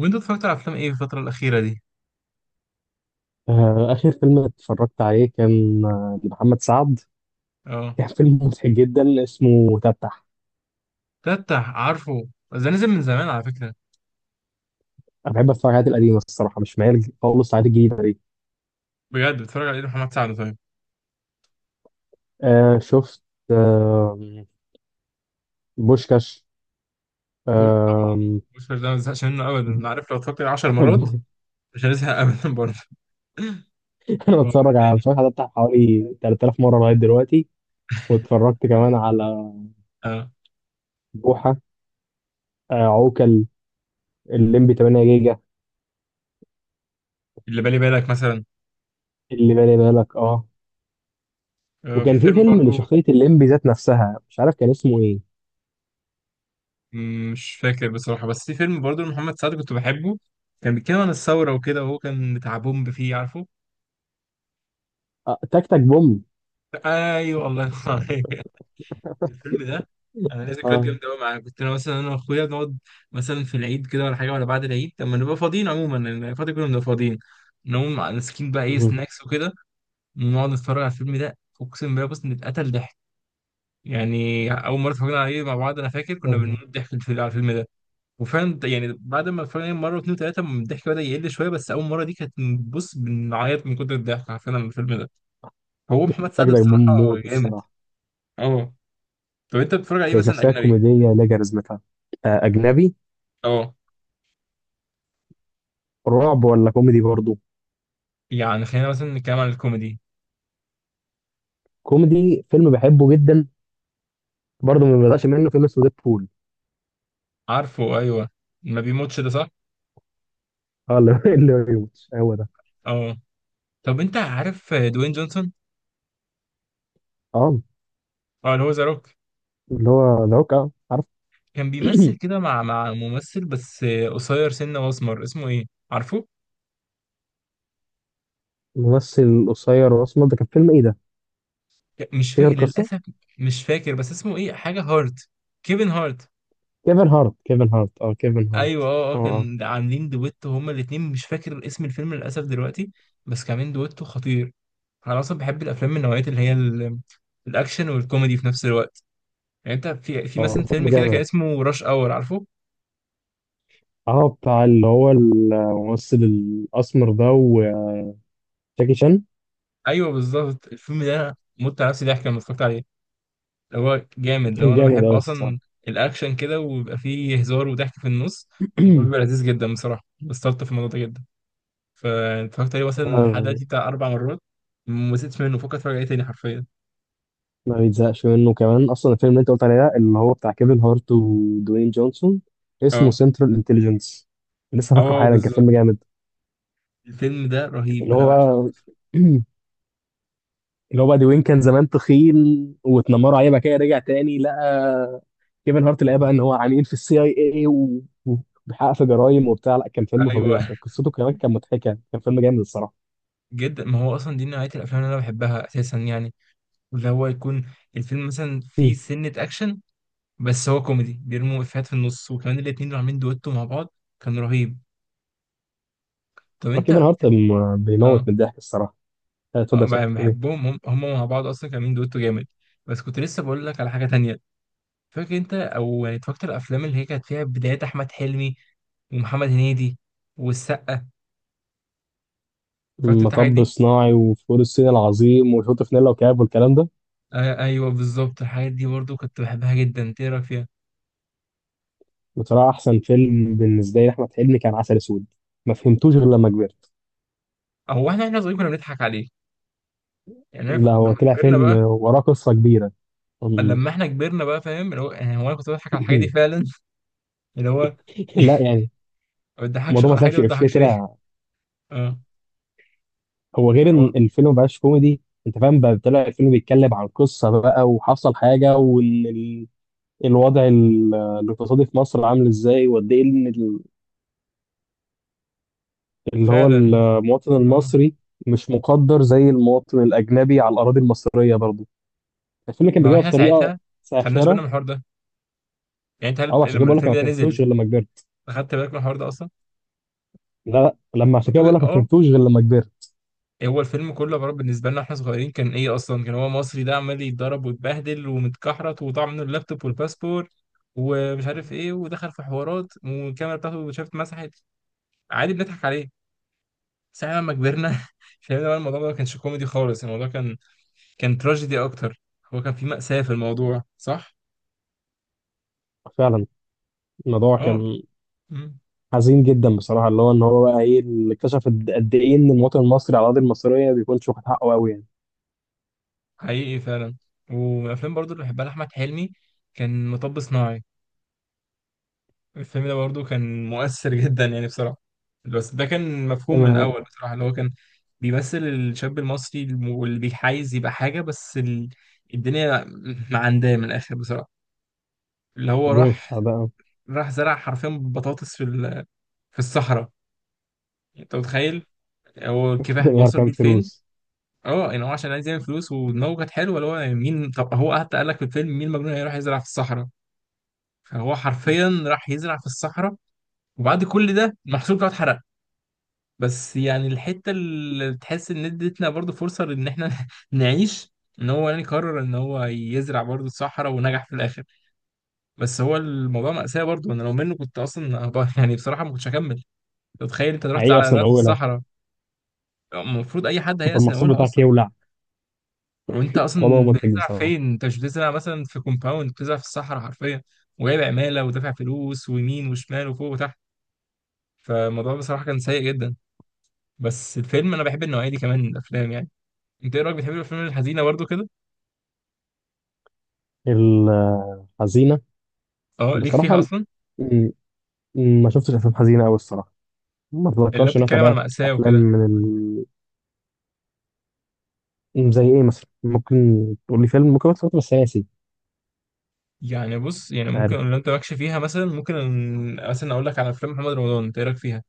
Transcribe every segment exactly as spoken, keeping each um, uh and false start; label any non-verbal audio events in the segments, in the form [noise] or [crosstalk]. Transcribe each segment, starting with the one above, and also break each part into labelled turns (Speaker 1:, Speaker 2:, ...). Speaker 1: وانت اتفرجت على افلام ايه في الفتره الاخيره دي؟
Speaker 2: آه، آخر فيلم اتفرجت عليه كان آه، لمحمد سعد.
Speaker 1: اه،
Speaker 2: كان فيلم مضحك جدا اسمه تفتح.
Speaker 1: تفتح عارفه ده نزل من زمان على فكره.
Speaker 2: أنا بحب أتفرج على الحاجات القديمة الصراحة، مش مايل خالص على الحاجات الجديدة دي.
Speaker 1: بجد، بتفرج على ايه؟ محمد سعد؟ طيب.
Speaker 2: آه شفت. آه بوشكاش.
Speaker 1: بوش [laughs] طبعا.
Speaker 2: آه.
Speaker 1: بوشكاش ده ما بزهقش منه ابدا، انا عارف لو اتفرجت عليه 10 مرات
Speaker 2: [laughs]
Speaker 1: مش هنزهق ابدا برضه. [laughs]
Speaker 2: أنا
Speaker 1: هو إيه
Speaker 2: بتفرج على
Speaker 1: تاني؟
Speaker 2: مش عارف تفتح حوالي تلات آلاف مرة لغاية دلوقتي. واتفرجت كمان على
Speaker 1: اه.
Speaker 2: بوحة، آه عوكل، الليمبي تمانية جيجا،
Speaker 1: اللي بالي بالك مثلا.
Speaker 2: اللي بالي بالك اه.
Speaker 1: آه، في
Speaker 2: وكان في
Speaker 1: فيلم
Speaker 2: فيلم
Speaker 1: برضه.
Speaker 2: لشخصية الليمبي ذات نفسها مش عارف كان اسمه ايه.
Speaker 1: مم، مش فاكر بصراحه، بس في فيلم برضه محمد سعد كنت بحبه، كان بيتكلم عن الثوره وكده وهو كان بتاع بومب، فيه عارفه.
Speaker 2: آه تك تك بوم.
Speaker 1: ايوه، الله ينور عليك. الفيلم ده انا ليا ذكريات
Speaker 2: اه.
Speaker 1: جامده قوي معاه، كنت انا مثلا انا واخويا نقعد مثلا في العيد كده ولا حاجه، ولا بعد العيد لما نبقى فاضيين عموما، لأن الفتره كنا بنبقى فاضيين، نقوم ماسكين بقى ايه
Speaker 2: مهم.
Speaker 1: سناكس وكده، ونقعد نتفرج على الفيلم ده. اقسم بالله بص نتقتل ضحك، يعني اول مره اتفرجنا عليه مع بعض انا فاكر كنا
Speaker 2: مهم.
Speaker 1: بنموت ضحك في الفيلم- على الفيلم ده. وفعلا يعني بعد ما اتفرجنا عليه مره واثنين وثلاثه الضحك بدا يقل شويه، بس اول مره دي كانت، بص، بنعيط من كتر الضحك عارفين على الفيلم ده. هو محمد سعد
Speaker 2: أجدع.
Speaker 1: بصراحه
Speaker 2: موت
Speaker 1: جامد،
Speaker 2: الصراحة.
Speaker 1: اه. طب انت بتتفرج عليه
Speaker 2: هي
Speaker 1: مثلا
Speaker 2: شخصية
Speaker 1: اجنبي؟
Speaker 2: كوميدية لا كاريزمتها. آه، أجنبي.
Speaker 1: اه،
Speaker 2: رعب ولا كوميدي برضو؟
Speaker 1: يعني خلينا مثلا نتكلم عن الكوميدي.
Speaker 2: كوميدي، فيلم بحبه جدا. برضو ما بيقدرش منه، فيلم اسمه ديد بول.
Speaker 1: عارفه؟ ايوه، ما بيموتش ده صح.
Speaker 2: اه، اللي [laughs] اللي ما بيموتش هو ده.
Speaker 1: اه. طب انت عارف دوين جونسون؟
Speaker 2: اه.
Speaker 1: اه، اللي هو ذا روك.
Speaker 2: اللي هو ذا هوك، آه، عارف.
Speaker 1: كان بيمثل
Speaker 2: [clears throat]
Speaker 1: كده مع مع ممثل بس قصير سنه واسمر، اسمه ايه؟ عارفه؟
Speaker 2: الممثل القصير الأسمر ده كان فيلم إيه ده؟
Speaker 1: مش
Speaker 2: تفتكر
Speaker 1: فاكر
Speaker 2: القصة؟
Speaker 1: للاسف. مش فاكر بس اسمه ايه، حاجه هارت. كيفن هارت.
Speaker 2: كيفن هارت، كيفن هارت، اه كيفن
Speaker 1: ايوه،
Speaker 2: هارت.
Speaker 1: اه اه،
Speaker 2: اه اه.
Speaker 1: كان عاملين دويتو هما الاتنين، مش فاكر اسم الفيلم للاسف دلوقتي. بس كان عاملين دويتو خطير. انا اصلا بحب الافلام من نوعيه اللي هي ال- الاكشن والكوميدي في نفس الوقت. يعني انت في في
Speaker 2: اه
Speaker 1: مثلا
Speaker 2: كان فيلم
Speaker 1: فيلم كده كان
Speaker 2: جامد.
Speaker 1: اسمه راش اور، عارفه؟
Speaker 2: اه بتاع اللي هو الممثل الأسمر ده وجاكي شان.
Speaker 1: ايوه بالظبط، الفيلم ده انا مت على نفسي ضحك لما اتفرجت عليه. اللي هو جامد، لو
Speaker 2: كان
Speaker 1: انا
Speaker 2: جامد
Speaker 1: بحب
Speaker 2: أوي الصراحة.
Speaker 1: اصلا الاكشن كده ويبقى فيه هزار وضحك في النص، الموضوع بيبقى
Speaker 2: [clears throat]
Speaker 1: لذيذ جدا بصراحه، بستلطف في الموضوع ده جدا. فاتفرجت عليه مثلا لحد
Speaker 2: آه،
Speaker 1: دلوقتي بتاع اربع مرات، ما زهقتش منه، فكر اتفرج عليه تاني حرفيا.
Speaker 2: ما بيتزهقش منه كمان اصلا. الفيلم اللي انت قلت عليه ده اللي هو بتاع كيفن هارت ودوين جونسون اسمه
Speaker 1: اه.
Speaker 2: سنترال انتليجنس. لسه فاكره
Speaker 1: اه
Speaker 2: حالا، كان
Speaker 1: بالظبط،
Speaker 2: فيلم جامد.
Speaker 1: الفيلم ده رهيب،
Speaker 2: اللي
Speaker 1: انا
Speaker 2: هو
Speaker 1: بعشقه.
Speaker 2: بقى، [clears throat] اللي هو بقى دوين كان زمان تخين، واتنمروا عليه بقى كده، رجع تاني لقى كيفن هارت، لقى بقى ان هو عميل في السي اي اي، وبيحقق في جرايم وبتاع، لا كان فيلم
Speaker 1: ايوه
Speaker 2: فظيع، كان قصته كمان كان مضحكه، كان فيلم جامد الصراحه.
Speaker 1: جدا، ما هو اصلا دي نوعيه الافلام اللي انا بحبها اساسا، يعني اللي هو يكون الفيلم مثلا
Speaker 2: [clears throat]
Speaker 1: فيه سنه اكشن، بس هو كوميدي بيرموا افيهات في النص، وكمان الاتنين اللي عاملين دويتو مع بعض كان رهيب. طب انت؟
Speaker 2: كيفن هارت م-
Speaker 1: اه.
Speaker 2: بيموت من الضحك الصراحه. آه، اتفضل
Speaker 1: اه،
Speaker 2: اسال.
Speaker 1: بح- بحبهم، هم, هم مع بعض اصلا كانوا عاملين دويتو جامد. بس كنت لسه بقول لك على حاجه تانية. فاكر انت او يعني اتفرجت على الافلام اللي هي كانت فيها بدايات احمد حلمي ومحمد هنيدي والسقا؟ اتفرجت انت الحاجات
Speaker 2: مطب
Speaker 1: دي؟
Speaker 2: صناعي وفول الصين العظيم والهوتفنيلا وكاب والكلام ده.
Speaker 1: آه ايوه بالظبط، الحاجات دي برضو كنت بحبها جدا، انت ايه رايك فيها؟
Speaker 2: بصراحة أحسن فيلم بالنسبة لي لأحمد حلمي كان عسل أسود، ما فهمتوش غير لما كبرت.
Speaker 1: او احنا احنا صغيرين كنا بنضحك عليه، يعني أنا ف-
Speaker 2: لا،
Speaker 1: لما
Speaker 2: هو طلع
Speaker 1: كبرنا
Speaker 2: فيلم
Speaker 1: بقى،
Speaker 2: وراه قصة كبيرة. [clears throat] أم.
Speaker 1: لما احنا كبرنا بقى فاهم اللي هو، يعني هو انا كنت بضحك على الحاجات دي
Speaker 2: [laughs]
Speaker 1: فعلا، اللي هو
Speaker 2: لا
Speaker 1: [laughs]
Speaker 2: يعني،
Speaker 1: ما بتضحكش،
Speaker 2: الموضوع
Speaker 1: خ-
Speaker 2: ما
Speaker 1: حاجه
Speaker 2: طلعش
Speaker 1: ما
Speaker 2: إفيه،
Speaker 1: بتضحكش ليه.
Speaker 2: طلع.
Speaker 1: اه.
Speaker 2: هو غير
Speaker 1: هو
Speaker 2: إن الفيلم ما بقاش كوميدي. أنت فاهم بقى، طلع الفيلم بيتكلم عن قصة بقى، وحصل حاجة، وإن ال- الوضع ال- الاقتصادي في مصر عامل إزاي، وقد إيه إن اللي هو
Speaker 1: فعلا.
Speaker 2: المواطن
Speaker 1: اه،
Speaker 2: المصري مش مقدر زي المواطن الأجنبي على الأراضي المصرية برضه. الفيلم كان
Speaker 1: ما هو
Speaker 2: بيجيبها
Speaker 1: احنا ساعتها
Speaker 2: بطريقة
Speaker 1: ما خدناش
Speaker 2: ساخرة.
Speaker 1: بالنا من الحوار ده. يعني انت
Speaker 2: أو
Speaker 1: هل...
Speaker 2: عشان كده
Speaker 1: لما
Speaker 2: بقول لك
Speaker 1: الفيلم
Speaker 2: أنا ما
Speaker 1: ده نزل
Speaker 2: فهمتوش غير لما كبرت.
Speaker 1: اخدت بالك من الحوار ده اصلا؟
Speaker 2: لا لا، لما، عشان
Speaker 1: انت
Speaker 2: كده بقول
Speaker 1: بتقول-
Speaker 2: لك ما
Speaker 1: اه،
Speaker 2: فهمتوش غير لما كبرت.
Speaker 1: إيه هو الفيلم كله عباره، بالنسبه لنا احنا صغيرين كان ايه اصلا؟ كان هو مصري ده عمال يتضرب ويتبهدل ومتكحرت، وضاع منه اللابتوب والباسبور ومش عارف ايه، ودخل في حوارات، والكاميرا بتاعته شافت اتمسحت. عادي، بنضحك عليه. ساعة لما كبرنا [laughs] فهمنا بقى الموضوع ده ما كانش كوميدي خالص، الموضوع كان كان تراجيدي اكتر. هو كان في مأساة في الموضوع، صح؟
Speaker 2: فعلا. الموضوع
Speaker 1: اه.
Speaker 2: كان
Speaker 1: مم.
Speaker 2: حزين جدا بصراحة، اللي هو إن هو بقى إيه اللي اكتشف قد قد إيه إن المواطن المصري على الأراضي المصرية ما بيكونش واخد حقه أوي يعني.
Speaker 1: حقيقي فعلا. ومن الافلام برضو اللي بحبها لاحمد حلمي كان مطب صناعي. الفيلم ده برضو كان مؤثر [laughs] جدا يعني بصراحه، بس ده كان مفهوم من
Speaker 2: أنا،
Speaker 1: الاول بصراحه، اللي هو كان بيمثل الشاب المصري الم- واللي بيحايز يبقى حاجه، بس ال... الدنيا معنداه من الاخر بصراحه. اللي هو
Speaker 2: الدنيا مش
Speaker 1: راح،
Speaker 2: مساعدة أوي.
Speaker 1: راح زرع حرفيا بطاطس في ال... في الصحراء. يعني انت متخيل، هو الكفاح
Speaker 2: الدنيا عارف
Speaker 1: بيوصل
Speaker 2: كام [laughs]
Speaker 1: بيه لفين؟
Speaker 2: فلوس.
Speaker 1: اه، يعني هو عشان عايز يعمل فلوس ودماغه كانت حلوه، اللي هو يعني مين، طب هو حتى قال لك في الفيلم مين المجنون هيروح يزرع في الصحراء؟ هو حرفيا راح يزرع في الصحراء. وبعد كل ده المحصول بتاعه اتحرق. بس يعني الحته اللي تحس ان ادتنا برضو فرصه ان احنا [laughs] نعيش، ان هو يعني قرر ان هو يزرع برضو الصحراء ونجح في الاخر. بس هو الموضوع مأساة برضو، انا لو منه كنت اصلا هبقى- [laughs] يعني بصراحه ما كنتش هكمل. أنت تخيل انت رحت
Speaker 2: حقيقة
Speaker 1: على
Speaker 2: سنة
Speaker 1: زرعت في
Speaker 2: أولى،
Speaker 1: الصحراء؟ المفروض اي حد هيأس من
Speaker 2: فالمحصول
Speaker 1: اولها
Speaker 2: بتاعك
Speaker 1: اصلا.
Speaker 2: يولع.
Speaker 1: وانت
Speaker 2: والله
Speaker 1: اصلا
Speaker 2: منتج
Speaker 1: بتزرع
Speaker 2: بصراحة.
Speaker 1: فين؟ انت مش بتزرع مثلا في كومباوند، بتزرع في الصحراء حرفيا، وجايب عماله ودافع فلوس، ويمين وشمال وفوق وتحت. فالموضوع بصراحة كان سيء جدا. بس الفيلم، أنا بحب النوعية دي كمان من الأفلام يعني. أنت إيه رأيك، بتحب الأفلام الحزينة برضو كده؟
Speaker 2: الحزينة؟
Speaker 1: أه، ليك فيها
Speaker 2: بصراحة
Speaker 1: أصلا
Speaker 2: ما شفتش افلام حزينه قوي الصراحه. ما
Speaker 1: اللي
Speaker 2: اتذكرش ان انا
Speaker 1: بتتكلم على
Speaker 2: تابعت
Speaker 1: مأساة
Speaker 2: افلام
Speaker 1: وكده؟
Speaker 2: من ال... زي ايه مثلا؟ ممكن تقول لي فيلم، ممكن اتفرجت بس ناسي.
Speaker 1: يعني بص، يعني
Speaker 2: مش
Speaker 1: ممكن
Speaker 2: عارف.
Speaker 1: لو أنت مالكش فيها مثلا، ممكن مثلا أقول لك على أفلام محمد رمضان، أنت إيه رأيك فيها؟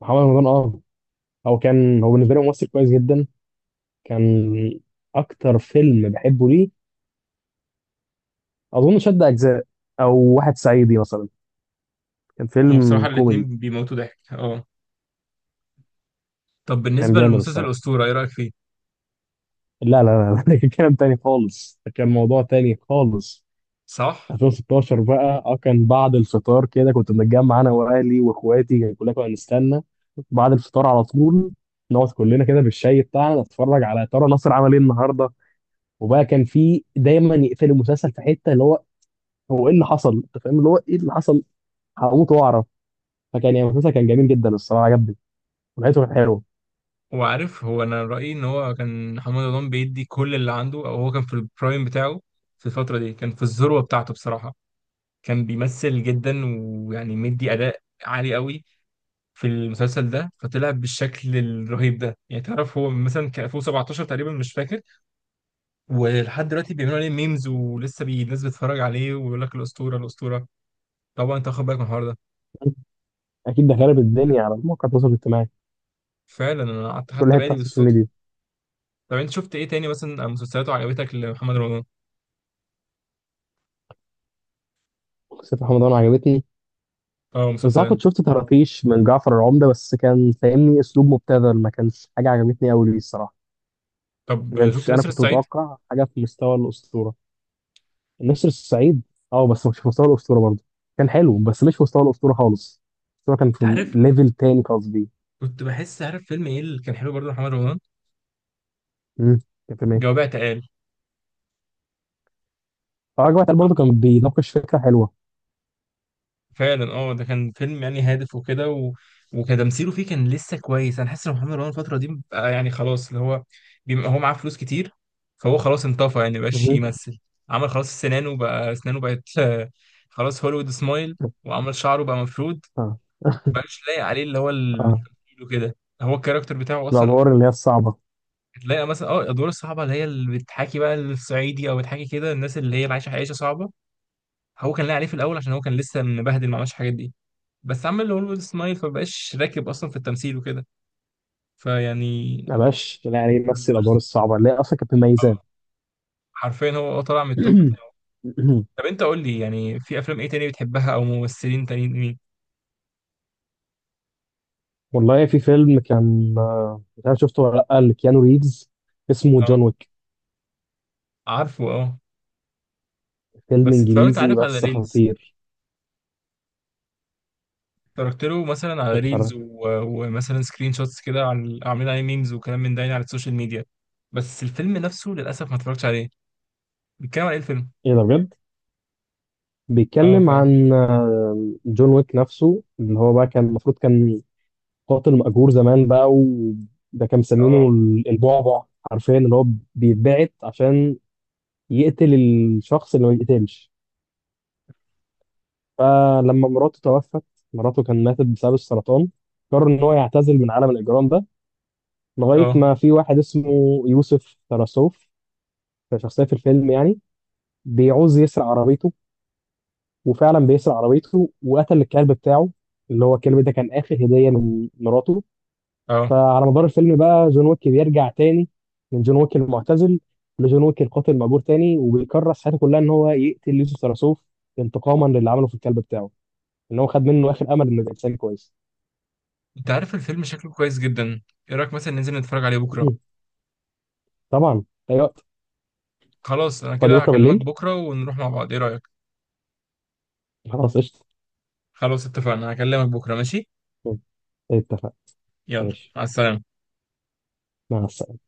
Speaker 2: محمد رمضان، اه، هو كان، هو بالنسبه لي ممثل كويس جدا كان. اكتر فيلم بحبه ليه، اظن شد اجزاء، او واحد صعيدي مثلا، كان
Speaker 1: هما بصراحة
Speaker 2: فيلم كوميدي.
Speaker 1: الاتنين بيموتوا ضحك، أه. طب
Speaker 2: كان
Speaker 1: بالنسبة
Speaker 2: جامد
Speaker 1: للمسلسل
Speaker 2: الصراحه.
Speaker 1: الأسطورة، إيه رأيك فيه؟
Speaker 2: لا لا لا، [laughs] ده كان كلام تاني خالص، ده كان موضوع تاني خالص.
Speaker 1: صح؟
Speaker 2: ألفين وستاشر بقى، اه كان بعد الفطار كده كنت بنتجمع انا واهلي واخواتي، يعني كلنا كنا نستنى بعد الفطار على طول. نقعد كلنا كده بالشاي بتاعنا نتفرج على ترى نصر عمل ايه النهارده. وبقى كان في دايما يقفل المسلسل في حته اللي هو، هو ايه اللي حصل. انت فاهم اللي هو ايه اللي حصل، هموت واعرف. فكان يعني المسلسل كان جميل جدا الصراحه، عجبني ولقيته كان حلو.
Speaker 1: وعارف، هو أنا رأيي إن هو كان محمد رمضان بيدي كل اللي عنده، أو هو كان في البرايم بتاعه. في الفترة دي كان في الذروة بتاعته بصراحة، كان بيمثل جدا ويعني مدي اداء عالي قوي في المسلسل ده، فطلع بالشكل الرهيب ده. يعني تعرف هو مثلا كان ألفين وسبعطاشر تقريبا، مش فاكر. ولحد دلوقتي بيعملوا عليه ميمز، ولسه بي- الناس بتتفرج عليه ويقول لك الاسطوره الاسطوره. طبعا انت واخد بالك من الحوار ده.
Speaker 2: اكيد ده خرب الدنيا على مواقع التواصل الاجتماعي.
Speaker 1: فعلا، انا قعدت
Speaker 2: كل
Speaker 1: خدت
Speaker 2: حته
Speaker 1: بالي
Speaker 2: على السوشيال
Speaker 1: بالصدفه.
Speaker 2: ميديا.
Speaker 1: طب انت شفت ايه تاني مثلا؟ مسلسلاته عجبتك لمحمد رمضان؟
Speaker 2: مسلسل محمد رمضان عجبتني،
Speaker 1: اه،
Speaker 2: بس انا
Speaker 1: مسلسلات.
Speaker 2: كنت شفت طرافيش من جعفر العمدة بس كان فاهمني اسلوب مبتذل، ما كانش حاجة عجبتني قوي ليه الصراحة. ما
Speaker 1: طب شفت
Speaker 2: كانش، انا
Speaker 1: نسر
Speaker 2: كنت
Speaker 1: الصعيد؟
Speaker 2: متوقع حاجة في مستوى الأسطورة. نسر الصعيد، اه، بس مش في مستوى الأسطورة برضه. كان حلو بس مش في مستوى الأسطورة خالص. الأسطورة كان
Speaker 1: انت
Speaker 2: في
Speaker 1: عارف،
Speaker 2: ليفل تاني قصدي.
Speaker 1: كنت بحس، عارف فيلم ايه اللي كان حلو برضه محمد رمضان؟
Speaker 2: امم كان في
Speaker 1: جواب
Speaker 2: مية
Speaker 1: اعتقال.
Speaker 2: فراجل وائل، برضه كان بيناقش فكرة حلوة.
Speaker 1: فعلا، اه، ده كان فيلم يعني هادف وكده و... وكتمثيله فيه كان لسه كويس. انا حاسس ان محمد رمضان الفتره دي بقى، يعني خلاص اللي هو بيبقى هو معاه فلوس كتير، فهو خلاص انطفى يعني، مبقاش
Speaker 2: مهم.
Speaker 1: يمثل. عمل خلاص سنانه بقى، اسنانه بقت [laughs] آه، خلاص هوليوود سمايل، وعمل شعره بقى مفرود.
Speaker 2: اه [laughs]
Speaker 1: مبقاش لايق عليه اللي هو
Speaker 2: اه.
Speaker 1: التمثيل وكده، هو الكاركتر بتاعه اصلا.
Speaker 2: الأدوار اللي هي الصعبة.
Speaker 1: تلاقي مثلا اه الادوار الصعبه اللي هي اللي بتحاكي بقى الصعيدي، او بتحاكي كده الناس اللي هي عايشه عيشه صعبه، هو كان لاقي عليه في الاول عشان هو كان لسه مبهدل، ما عملش الحاجات دي. بس عمل هوليوود سمايل فمبقاش راكب اصلا في التمثيل وكده، فيعني
Speaker 2: ما بقاش يعني
Speaker 1: بس
Speaker 2: يمثل الأدوار الصعبة اللي هي أصلا كانت مميزاه.
Speaker 1: حرفيا هو هو طلع من التوب بتاعه.
Speaker 2: [clears throat]
Speaker 1: طب انت قول لي يعني في افلام ايه تاني بتحبها؟ او ممثلين تانيين مين؟
Speaker 2: والله في فيلم كان آه، مش عارف شفته ولا لأ، لكيانو ريفز اسمه جون
Speaker 1: اه.
Speaker 2: ويك.
Speaker 1: عارفه، اه.
Speaker 2: فيلم
Speaker 1: بس اتفرجت،
Speaker 2: إنجليزي
Speaker 1: عارف، على
Speaker 2: بس
Speaker 1: ريلز،
Speaker 2: خطير.
Speaker 1: اتفرجت له مثلا على ريلز
Speaker 2: اتفرج.
Speaker 1: و... ومثلا سكرين شوتس كده، عن عاملين عليه ميمز وكلام من ده يعني على السوشيال ميديا. بس الفيلم نفسه للاسف ما اتفرجتش عليه، بيتكلم على ايه الفيلم؟
Speaker 2: إيه ده بجد؟
Speaker 1: اه،
Speaker 2: بيتكلم
Speaker 1: فاهم.
Speaker 2: عن آه، جون ويك نفسه، اللي هو بقى كان المفروض كان قاتل مأجور زمان بقى، وده كان مسمينه
Speaker 1: اه.
Speaker 2: ال- البعبع. حرفيا اللي هو بيتبعت عشان يقتل الشخص اللي ما بيقتلش. فلما مراته توفت، مراته كان ماتت بسبب السرطان، قرر إن هو يعتزل من عالم الإجرام ده لغاية
Speaker 1: اه.
Speaker 2: ما في واحد اسمه يوسف تراسوف، شخصية في الفيلم يعني، بيعوز يسرق عربيته، وفعلا بيسرق عربيته وقتل الكلب بتاعه، اللي هو الكلب ده كان آخر هدية من مراته.
Speaker 1: اه.
Speaker 2: فعلى مدار الفيلم بقى جون ويك بيرجع تاني، من جون ويك المعتزل لجون ويك القاتل المأجور تاني، وبيكرس حياته كلها إن هو يقتل يوسف تراسوف انتقاما للي عمله في الكلب بتاعه، إن هو خد منه آخر أمل إنه يبقى إنسان كويس.
Speaker 1: انت عارف الفيلم شكله كويس جدا، ايه رايك مثلا ننزل نتفرج عليه بكره؟
Speaker 2: [laughs] [clears throat] طبعا، أي وقت.
Speaker 1: خلاص، انا
Speaker 2: فاضي
Speaker 1: كده
Speaker 2: بكرة
Speaker 1: هكلمك
Speaker 2: بالليل.
Speaker 1: بكرة ونروح مع بعض، ايه رأيك؟
Speaker 2: خلاص قشطة.
Speaker 1: خلاص، اتفقنا، هكلمك بكرة، ماشي.
Speaker 2: اتفق.
Speaker 1: يلا،
Speaker 2: ماشي.
Speaker 1: مع السلامة.
Speaker 2: مع السلامة.